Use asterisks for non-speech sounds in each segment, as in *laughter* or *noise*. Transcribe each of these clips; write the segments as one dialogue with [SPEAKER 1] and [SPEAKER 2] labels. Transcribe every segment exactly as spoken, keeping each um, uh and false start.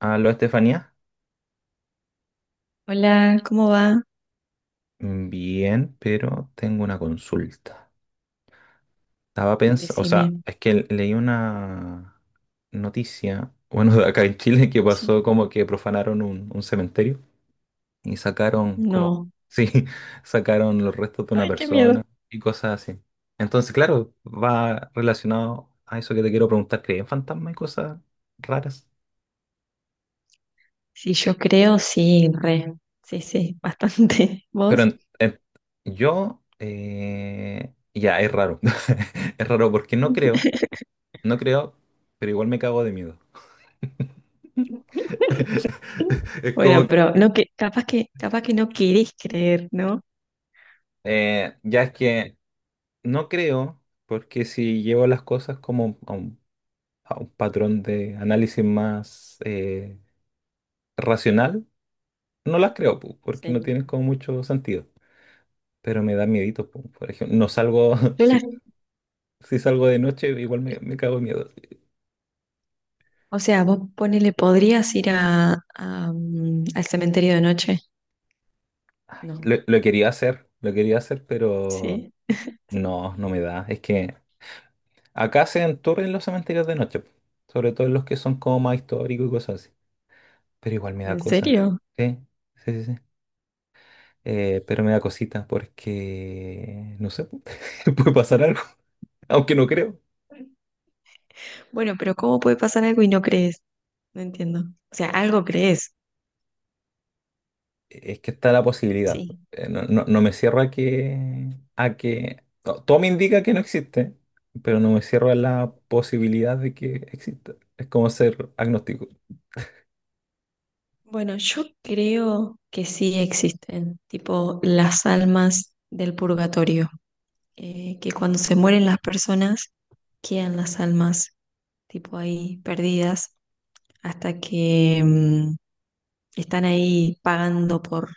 [SPEAKER 1] Aló, Estefanía.
[SPEAKER 2] Hola, ¿cómo va?
[SPEAKER 1] Bien, pero tengo una consulta. Estaba pensando, o
[SPEAKER 2] Decime.
[SPEAKER 1] sea, es que leí una noticia, *laughs* bueno, de acá en Chile, que pasó
[SPEAKER 2] Sí.
[SPEAKER 1] como que profanaron un, un cementerio y sacaron como,
[SPEAKER 2] No.
[SPEAKER 1] sí, *laughs* sacaron los restos de una
[SPEAKER 2] Ay, qué miedo.
[SPEAKER 1] persona y cosas así. Entonces, claro, va relacionado a eso que te quiero preguntar, ¿crees en fantasmas y cosas raras?
[SPEAKER 2] Sí, yo creo, sí, re. Sí, sí, bastante. *laughs*
[SPEAKER 1] Pero
[SPEAKER 2] ¿Vos?
[SPEAKER 1] en- en- yo, eh, ya, es raro. *laughs* Es raro porque no creo. No creo, pero igual me cago de miedo.
[SPEAKER 2] *laughs*
[SPEAKER 1] *laughs* Es
[SPEAKER 2] Bueno,
[SPEAKER 1] como, que,
[SPEAKER 2] pero no que, capaz que, capaz que no querés creer, ¿no?
[SPEAKER 1] eh, ya es que no creo, porque si llevo las cosas como a un, a un patrón de análisis más eh, racional, no las creo, pu, porque no
[SPEAKER 2] Sí.
[SPEAKER 1] tienen como mucho sentido. Pero me da miedito, pu. Por ejemplo, no salgo, *laughs*
[SPEAKER 2] Yo
[SPEAKER 1] si,
[SPEAKER 2] las,
[SPEAKER 1] si salgo de noche, igual me, me cago de miedo.
[SPEAKER 2] o sea, vos ponele, ¿podrías ir a, a, mm, al cementerio de noche? No.
[SPEAKER 1] Lo, lo quería hacer, lo quería hacer, pero
[SPEAKER 2] ¿Sí?
[SPEAKER 1] no, no me da. Es que acá se tours en los cementerios de noche, po, sobre todo en los que son como más históricos y cosas así. Pero igual me da
[SPEAKER 2] ¿En
[SPEAKER 1] cosa.
[SPEAKER 2] serio?
[SPEAKER 1] Sí, sí, sí, sí. Eh, pero me da cosita porque, no sé, po, *laughs* puede pasar algo, aunque no creo.
[SPEAKER 2] Bueno, pero ¿cómo puede pasar algo y no crees? No entiendo. O sea, algo crees,
[SPEAKER 1] Es que está la posibilidad.
[SPEAKER 2] sí.
[SPEAKER 1] Eh, No, no- no me cierro a que, a que... no, todo me indica que no existe, pero no me cierro a la posibilidad de que exista. Es como ser agnóstico.
[SPEAKER 2] Bueno, yo creo que sí existen, tipo las almas del purgatorio, eh, que cuando se mueren las personas quedan las almas, tipo ahí perdidas, hasta que mm, están ahí pagando por,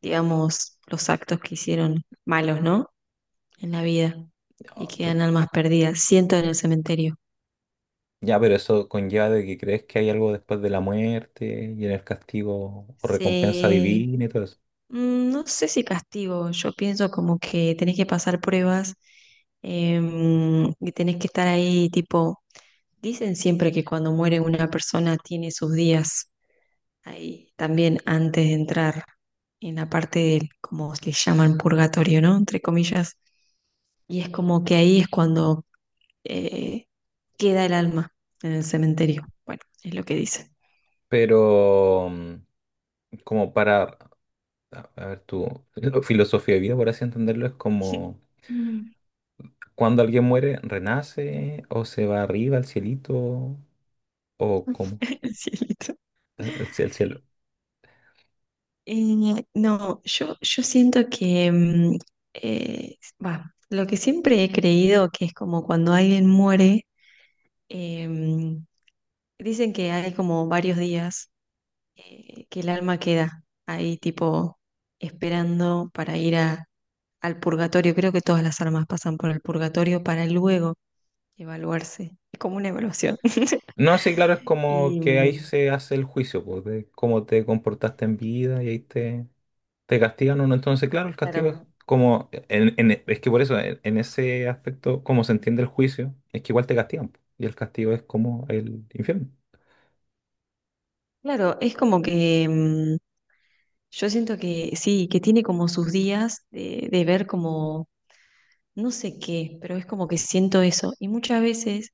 [SPEAKER 2] digamos, los actos que hicieron malos, ¿no? En la vida, y quedan almas perdidas, siento en el cementerio.
[SPEAKER 1] Ya, pero eso conlleva de que crees que hay algo después de la muerte y en el castigo o recompensa
[SPEAKER 2] Se
[SPEAKER 1] divina y todo eso.
[SPEAKER 2] Mm, No sé si castigo, yo pienso como que tenés que pasar pruebas, em, y tenés que estar ahí, tipo, dicen siempre que cuando muere una persona tiene sus días ahí también antes de entrar en la parte del, como le llaman, purgatorio, ¿no? Entre comillas. Y es como que ahí es cuando eh, queda el alma en el cementerio. Bueno, es lo que dice.
[SPEAKER 1] Pero mm, como para, a a ver, tu *laughs* filo- filosofía de vida, por así entenderlo, es
[SPEAKER 2] *laughs*
[SPEAKER 1] como
[SPEAKER 2] Mm.
[SPEAKER 1] cuando alguien muere, renace o se va arriba al cielito o como
[SPEAKER 2] *laughs* El cielito.
[SPEAKER 1] el, el cielo. El cielo.
[SPEAKER 2] Eh, no, yo, yo siento que, mm, eh, bah, lo que siempre he creído que es como cuando alguien muere, em, dicen que hay como varios días, eh, que el alma queda ahí tipo esperando para ir a, al purgatorio. Creo que todas las almas pasan por el purgatorio para luego evaluarse. Es como una evaluación. *laughs*
[SPEAKER 1] No, sí, claro, es como
[SPEAKER 2] Y
[SPEAKER 1] que ahí
[SPEAKER 2] mm,
[SPEAKER 1] se hace el juicio, pues, de cómo te comportaste en vida y ahí te, te castigan o no. Entonces, claro, el castigo es
[SPEAKER 2] claro,
[SPEAKER 1] como, en- en- es que por eso, en, en ese aspecto, como se entiende el juicio, es que igual te castigan, po. Y el castigo es como el infierno.
[SPEAKER 2] Claro, es como que mm, yo siento que sí, que tiene como sus días de, de ver como no sé qué, pero es como que siento eso. Y muchas veces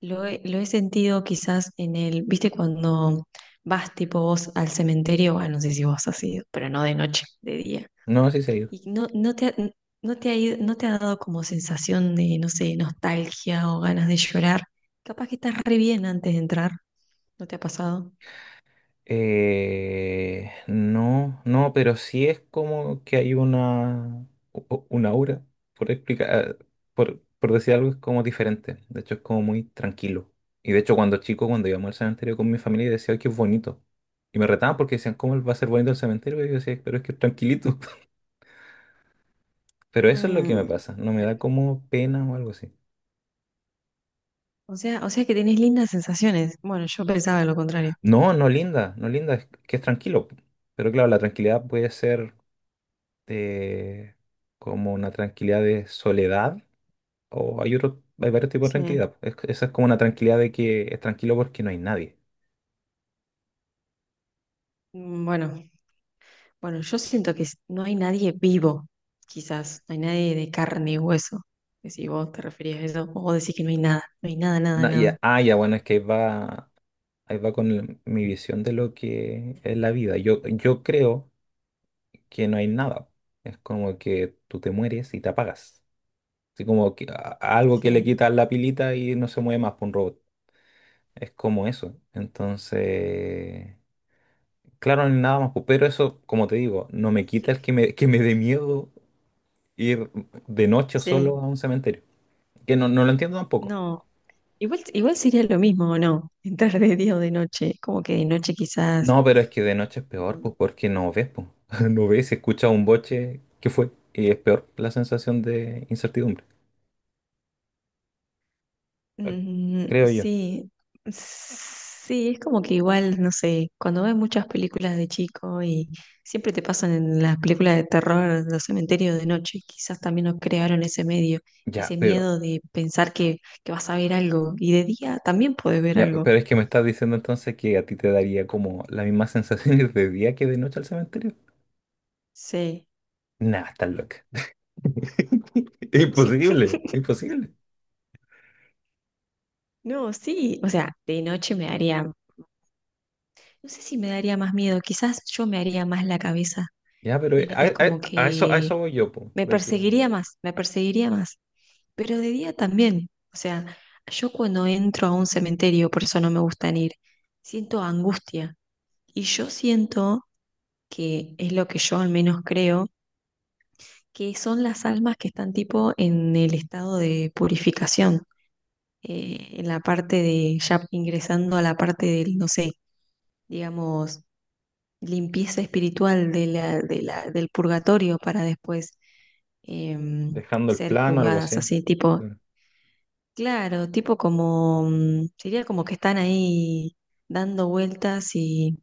[SPEAKER 2] lo he, lo he sentido quizás en el, viste, cuando vas tipo vos al cementerio, bueno, no sé si vos has ido, pero no de noche, de día.
[SPEAKER 1] No, así seguido.
[SPEAKER 2] Y no, no te ha, no te ha ido- no te ha dado como sensación de, no sé, nostalgia o ganas de llorar. Capaz que estás re bien antes de entrar, ¿no te ha pasado?
[SPEAKER 1] Eh, no, no, pero sí es como que hay una, u- u- una aura, por explicar, por, por decir algo, es como diferente. De hecho, es como muy tranquilo. Y de hecho, cuando chico, cuando íbamos al cementerio con mi familia, decía, ay, qué bonito. Y me retaban porque decían, ¿cómo va a ser bonito el cementerio? Y yo decía, pero es que es tranquilito. Pero eso es lo que me
[SPEAKER 2] Mm,
[SPEAKER 1] pasa, no me da como pena o algo así.
[SPEAKER 2] O sea, o sea que tenés lindas sensaciones. Bueno, yo pensaba lo contrario.
[SPEAKER 1] No, no linda, no linda, es que es tranquilo. Pero claro, la tranquilidad puede ser eh, como una tranquilidad de soledad o hay otro, hay varios tipos de
[SPEAKER 2] Sí.
[SPEAKER 1] tranquilidad. Es- esa es como una tranquilidad de que es tranquilo porque no hay nadie.
[SPEAKER 2] Mm, Bueno, bueno, yo siento que s- no hay nadie vivo, quizás. No hay nadie de carne y hueso. Que si vos te referías a eso, o vos decís que no hay nada. No hay nada, nada,
[SPEAKER 1] Na-
[SPEAKER 2] nada.
[SPEAKER 1] ya- ah, ya, bueno, es que ahí va, ahí va con el- mi visión de lo que es la vida. Yo, yo creo que no hay nada. Es como que tú te mueres y te apagas. Así como que, a- algo que le
[SPEAKER 2] Sí,
[SPEAKER 1] quita la pilita y no se mueve más por un robot. Es como eso. Entonces, claro, ni nada más, pues. Pero eso, como te digo, no me quita el que
[SPEAKER 2] *laughs*
[SPEAKER 1] me, que me dé miedo ir de noche solo
[SPEAKER 2] sí.
[SPEAKER 1] a un cementerio. Que no, no lo entiendo tampoco.
[SPEAKER 2] No. Igual, igual sería lo mismo, ¿o no? Entrar de día o de noche. Como que de noche quizás.
[SPEAKER 1] No, pero es que de noche es peor, pues porque no ves, pues. *laughs* No ves, escuchas un boche, ¿qué fue? Y es peor la sensación de incertidumbre.
[SPEAKER 2] Mm,
[SPEAKER 1] Creo yo.
[SPEAKER 2] sí, sí, es como que igual, no sé, cuando ves muchas películas de chico y siempre te pasan en las películas de terror, los cementerios de noche, quizás también nos crearon ese medio,
[SPEAKER 1] Ya,
[SPEAKER 2] ese
[SPEAKER 1] pero
[SPEAKER 2] miedo de pensar que, que vas a ver algo y de día también puedes ver
[SPEAKER 1] ya,
[SPEAKER 2] algo.
[SPEAKER 1] pero es que me estás diciendo entonces que a ti te daría como las mismas sensaciones de día que de noche al cementerio.
[SPEAKER 2] Sí.
[SPEAKER 1] Nah, estás loca. *laughs* Imposible,
[SPEAKER 2] *laughs*
[SPEAKER 1] imposible.
[SPEAKER 2] No, sí, o sea, de noche me daría, no sé si me daría más miedo, quizás yo me haría más la cabeza.
[SPEAKER 1] Ya, pero eh,
[SPEAKER 2] Era-
[SPEAKER 1] a,
[SPEAKER 2] Es como
[SPEAKER 1] a- a eso, a
[SPEAKER 2] que
[SPEAKER 1] eso voy yo, po,
[SPEAKER 2] me
[SPEAKER 1] de que
[SPEAKER 2] perseguiría más, me perseguiría más. Pero de día también, o sea, yo cuando entro a un cementerio, por eso no me gustan ir, siento angustia. Y yo siento que es lo que yo al menos creo, que son las almas que están tipo en el estado de purificación, eh, en la parte de, ya ingresando a la parte del, no sé, digamos, limpieza espiritual de la, de la, del purgatorio para después em,
[SPEAKER 1] dejando el
[SPEAKER 2] ser
[SPEAKER 1] plano, algo
[SPEAKER 2] juzgadas
[SPEAKER 1] así.
[SPEAKER 2] así, tipo,
[SPEAKER 1] Claro.
[SPEAKER 2] Claro, tipo como, mm, sería como que están ahí dando vueltas y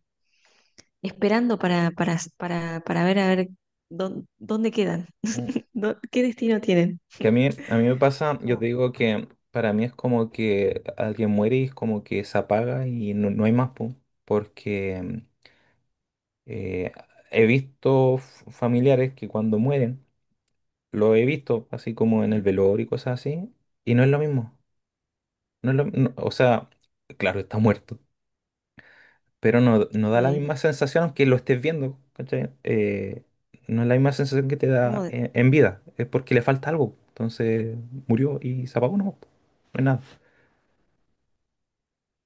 [SPEAKER 2] esperando para, para, para, para ver a ver dónde, dónde quedan,
[SPEAKER 1] Mm.
[SPEAKER 2] *laughs* dó- qué destino tienen.
[SPEAKER 1] Que a mí, a mí me pasa, yo te
[SPEAKER 2] Como,
[SPEAKER 1] digo que para mí es como que alguien muere y es como que se apaga y no, no hay más, po, porque eh, he visto f- familiares que cuando mueren, lo he visto así como en el
[SPEAKER 2] sí,
[SPEAKER 1] velorio y cosas así, y no es lo mismo. No es lo- no- o sea, claro, está muerto, pero no, no da la
[SPEAKER 2] sí,
[SPEAKER 1] misma sensación aunque lo estés viendo, ¿cachai? Eh, no es la misma sensación que te
[SPEAKER 2] como
[SPEAKER 1] da
[SPEAKER 2] de-
[SPEAKER 1] en, en vida, es porque le falta algo. Entonces murió y se apagó, no, no es nada.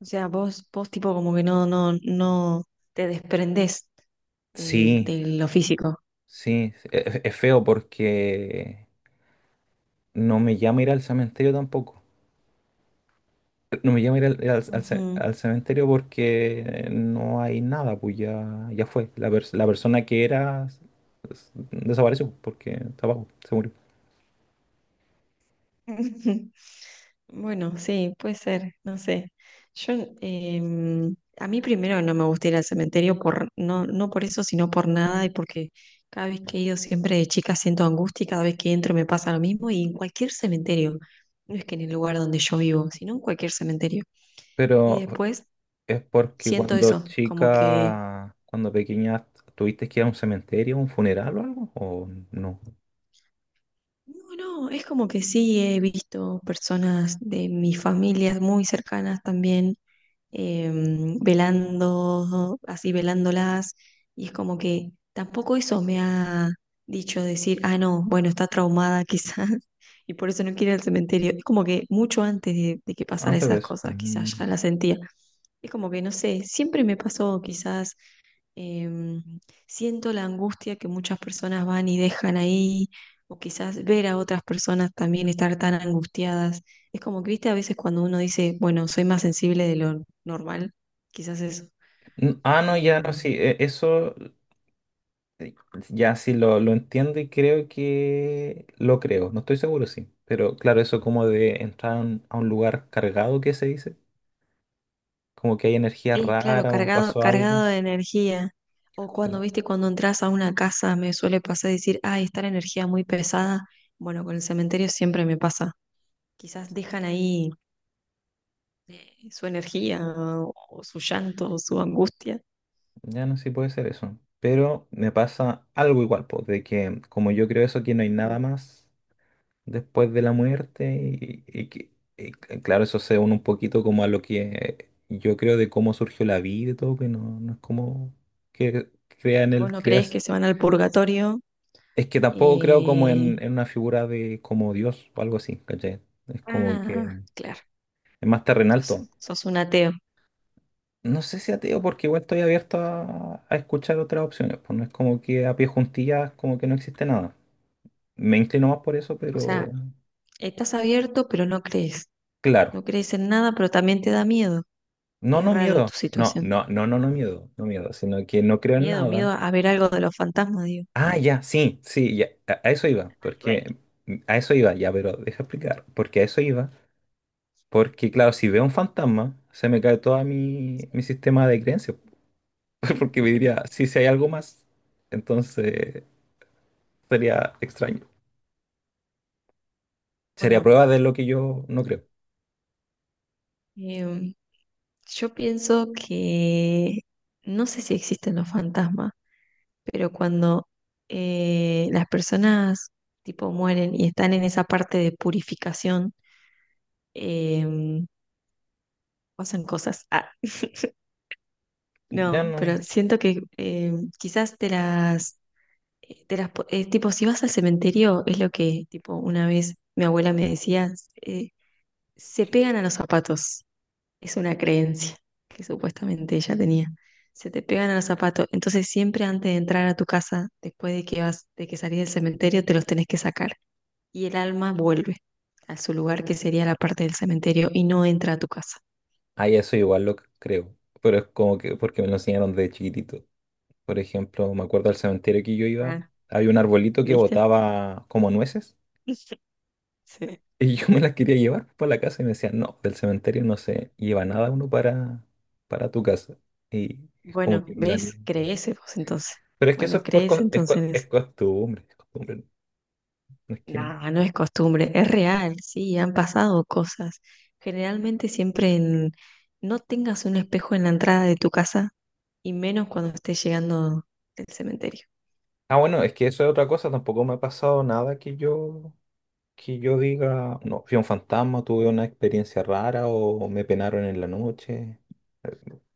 [SPEAKER 2] o sea, vos, vos tipo como que no, no, no te desprendés del-
[SPEAKER 1] Sí,
[SPEAKER 2] de, lo físico.
[SPEAKER 1] sí, es, es feo porque no me llama ir al cementerio tampoco. No me llama ir al, ir al- al ce-
[SPEAKER 2] Ujú.
[SPEAKER 1] al cementerio porque no hay nada, pues ya, ya fue. La, pers- la persona que era s- desapareció porque estaba, abajo, se murió.
[SPEAKER 2] *laughs* Bueno, sí, puede ser, no sé. Yo, em, a mí primero no me gusta ir al cementerio por, no, no por eso, sino por nada y porque cada vez que he ido siempre de chica siento angustia y cada vez que entro me pasa lo mismo y en cualquier cementerio, no es que en el lugar donde yo vivo, sino en cualquier cementerio. Y
[SPEAKER 1] Pero
[SPEAKER 2] después
[SPEAKER 1] es porque
[SPEAKER 2] siento
[SPEAKER 1] cuando
[SPEAKER 2] eso, como que,
[SPEAKER 1] chica, cuando pequeña, ¿tuviste que ir a un cementerio, un funeral o algo? ¿O no?
[SPEAKER 2] no, no, es como que sí he visto personas de mis familias muy cercanas también, em, velando, así velándolas, y es como que tampoco eso me ha dicho decir, ah, no, bueno, está traumada quizás, *laughs* y por eso no quiere ir al cementerio. Es como que mucho antes de, de que pasaran
[SPEAKER 1] Antes de
[SPEAKER 2] esas
[SPEAKER 1] eso.
[SPEAKER 2] cosas,
[SPEAKER 1] Ujú.
[SPEAKER 2] quizás ya la sentía. Es como que, no sé, siempre me pasó quizás. Em, siento la angustia que muchas personas van y dejan ahí, o quizás ver a otras personas también estar tan angustiadas. Es como que, viste, a veces cuando uno dice, bueno, soy más sensible de lo normal, quizás eso.
[SPEAKER 1] N- Ah, no, ya no, sí,
[SPEAKER 2] Em,
[SPEAKER 1] e- eso Sí, ya sí lo, lo entiendo y creo que lo creo, no estoy seguro, sí. Pero claro, eso como de entrar a un, a un lugar cargado, ¿qué se dice? Como que hay energía
[SPEAKER 2] sí, claro,
[SPEAKER 1] rara o
[SPEAKER 2] cargado,
[SPEAKER 1] pasó algo.
[SPEAKER 2] cargado de energía. O
[SPEAKER 1] eh,
[SPEAKER 2] cuando, viste, cuando entras a una casa, me suele pasar decir, ay, está la energía muy pesada. Bueno, con el cementerio siempre me pasa. Quizás dejan ahí eh, su energía o su llanto o su angustia.
[SPEAKER 1] Ya no sé si puede ser eso. Pero me pasa algo igual, pues, de que como yo creo eso, que no hay nada
[SPEAKER 2] Ujú.
[SPEAKER 1] más después de la muerte y, y que, y c- claro, eso se une un poquito como a lo que yo creo de cómo surgió la vida y todo, que no, no es como que crea en
[SPEAKER 2] Vos
[SPEAKER 1] el
[SPEAKER 2] no creés
[SPEAKER 1] creas.
[SPEAKER 2] que se van al purgatorio.
[SPEAKER 1] Es que tampoco creo como
[SPEAKER 2] Eh,
[SPEAKER 1] en, en una figura de como Dios o algo así, ¿cachai? Es como que
[SPEAKER 2] Ah, claro.
[SPEAKER 1] es más terrenal todo.
[SPEAKER 2] Entonces, sos un ateo.
[SPEAKER 1] No sé si ateo, porque igual estoy abierto a, a escuchar otras opciones, pues no es como que a pie juntillas como que no existe nada. Me inclino más por eso,
[SPEAKER 2] O
[SPEAKER 1] pero
[SPEAKER 2] sea, estás abierto, pero no crees.
[SPEAKER 1] claro.
[SPEAKER 2] No crees en nada, pero también te da miedo.
[SPEAKER 1] No,
[SPEAKER 2] Es
[SPEAKER 1] no
[SPEAKER 2] raro
[SPEAKER 1] miedo.
[SPEAKER 2] tu
[SPEAKER 1] No,
[SPEAKER 2] situación.
[SPEAKER 1] no, no, no, no miedo, no miedo, sino que no creo en
[SPEAKER 2] Miedo,
[SPEAKER 1] nada.
[SPEAKER 2] miedo a ver algo de los fantasmas, digo.
[SPEAKER 1] Ah, ya, sí, sí, ya, a a eso iba,
[SPEAKER 2] Bueno,
[SPEAKER 1] porque a eso iba, ya, pero deja explicar, porque a eso iba. Porque, claro, si veo un fantasma, se me cae todo mi,
[SPEAKER 2] sí.
[SPEAKER 1] mi sistema de creencias. *laughs* Porque me diría, sí, si hay algo más, entonces sería extraño. Sería
[SPEAKER 2] Bueno,
[SPEAKER 1] prueba de lo que yo no creo.
[SPEAKER 2] em, yo pienso que no sé si existen los fantasmas, pero cuando eh, las personas tipo mueren y están en esa parte de purificación, em, pasan cosas. Ah, *laughs*
[SPEAKER 1] Ya
[SPEAKER 2] no,
[SPEAKER 1] no.
[SPEAKER 2] pero siento que eh, quizás te las, eh, te las, po- eh, tipo, si vas al cementerio, es lo que, tipo, una vez mi abuela me decía, eh, se pegan a los zapatos. Es una creencia que supuestamente ella tenía. Se te pegan a los zapatos. Entonces siempre antes de entrar a tu casa, después de que vas, de que salís del cementerio, te los tenés que sacar. Y el alma vuelve a su lugar, que sería la parte del cementerio, y no entra a tu casa.
[SPEAKER 1] Ah, ya eso igual lo creo. Pero es como que porque me lo enseñaron de chiquitito. Por ejemplo, me acuerdo del cementerio que yo iba,
[SPEAKER 2] Ah,
[SPEAKER 1] había un arbolito que
[SPEAKER 2] ¿viste?
[SPEAKER 1] botaba como nueces.
[SPEAKER 2] *laughs* Sí.
[SPEAKER 1] Y yo *laughs* me las quería llevar para la casa y me decían, no, del cementerio no se lleva nada uno para, para tu casa. Y es como
[SPEAKER 2] Bueno,
[SPEAKER 1] que me da miedo.
[SPEAKER 2] ¿ves? Crees vos entonces.
[SPEAKER 1] Pero es que eso
[SPEAKER 2] Bueno,
[SPEAKER 1] es, por,
[SPEAKER 2] crees
[SPEAKER 1] co- es, co- es
[SPEAKER 2] entonces.
[SPEAKER 1] costumbre, es costumbre. No. No es que...
[SPEAKER 2] Nada, no es costumbre, es real, sí, han pasado cosas. Generalmente siempre en... no tengas un espejo en la entrada de tu casa y menos cuando estés llegando del cementerio.
[SPEAKER 1] Ah, bueno, es que eso es otra cosa. Tampoco me ha pasado nada que yo, que yo diga, no, fui un fantasma, tuve una experiencia rara o me penaron en la noche.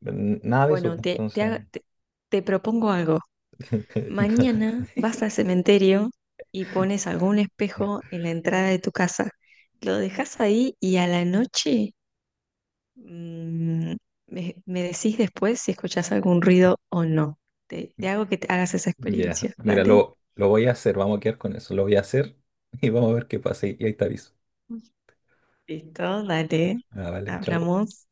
[SPEAKER 1] N- Nada de eso,
[SPEAKER 2] Bueno,
[SPEAKER 1] pues,
[SPEAKER 2] te, te,
[SPEAKER 1] entonces.
[SPEAKER 2] haga- te, te propongo algo.
[SPEAKER 1] *laughs* Nada.
[SPEAKER 2] Mañana vas al cementerio y pones algún espejo en la entrada de tu casa. Lo dejas ahí y a la noche Mm, me, me decís después si escuchás algún ruido o no. Te, te hago que te hagas esa
[SPEAKER 1] Ya,
[SPEAKER 2] experiencia,
[SPEAKER 1] mira,
[SPEAKER 2] ¿vale?
[SPEAKER 1] lo, lo voy a hacer, vamos a quedar con eso. Lo voy a hacer y vamos a ver qué pasa y ahí te aviso.
[SPEAKER 2] Listo, dale.
[SPEAKER 1] Ah, vale, chao.
[SPEAKER 2] Hablamos.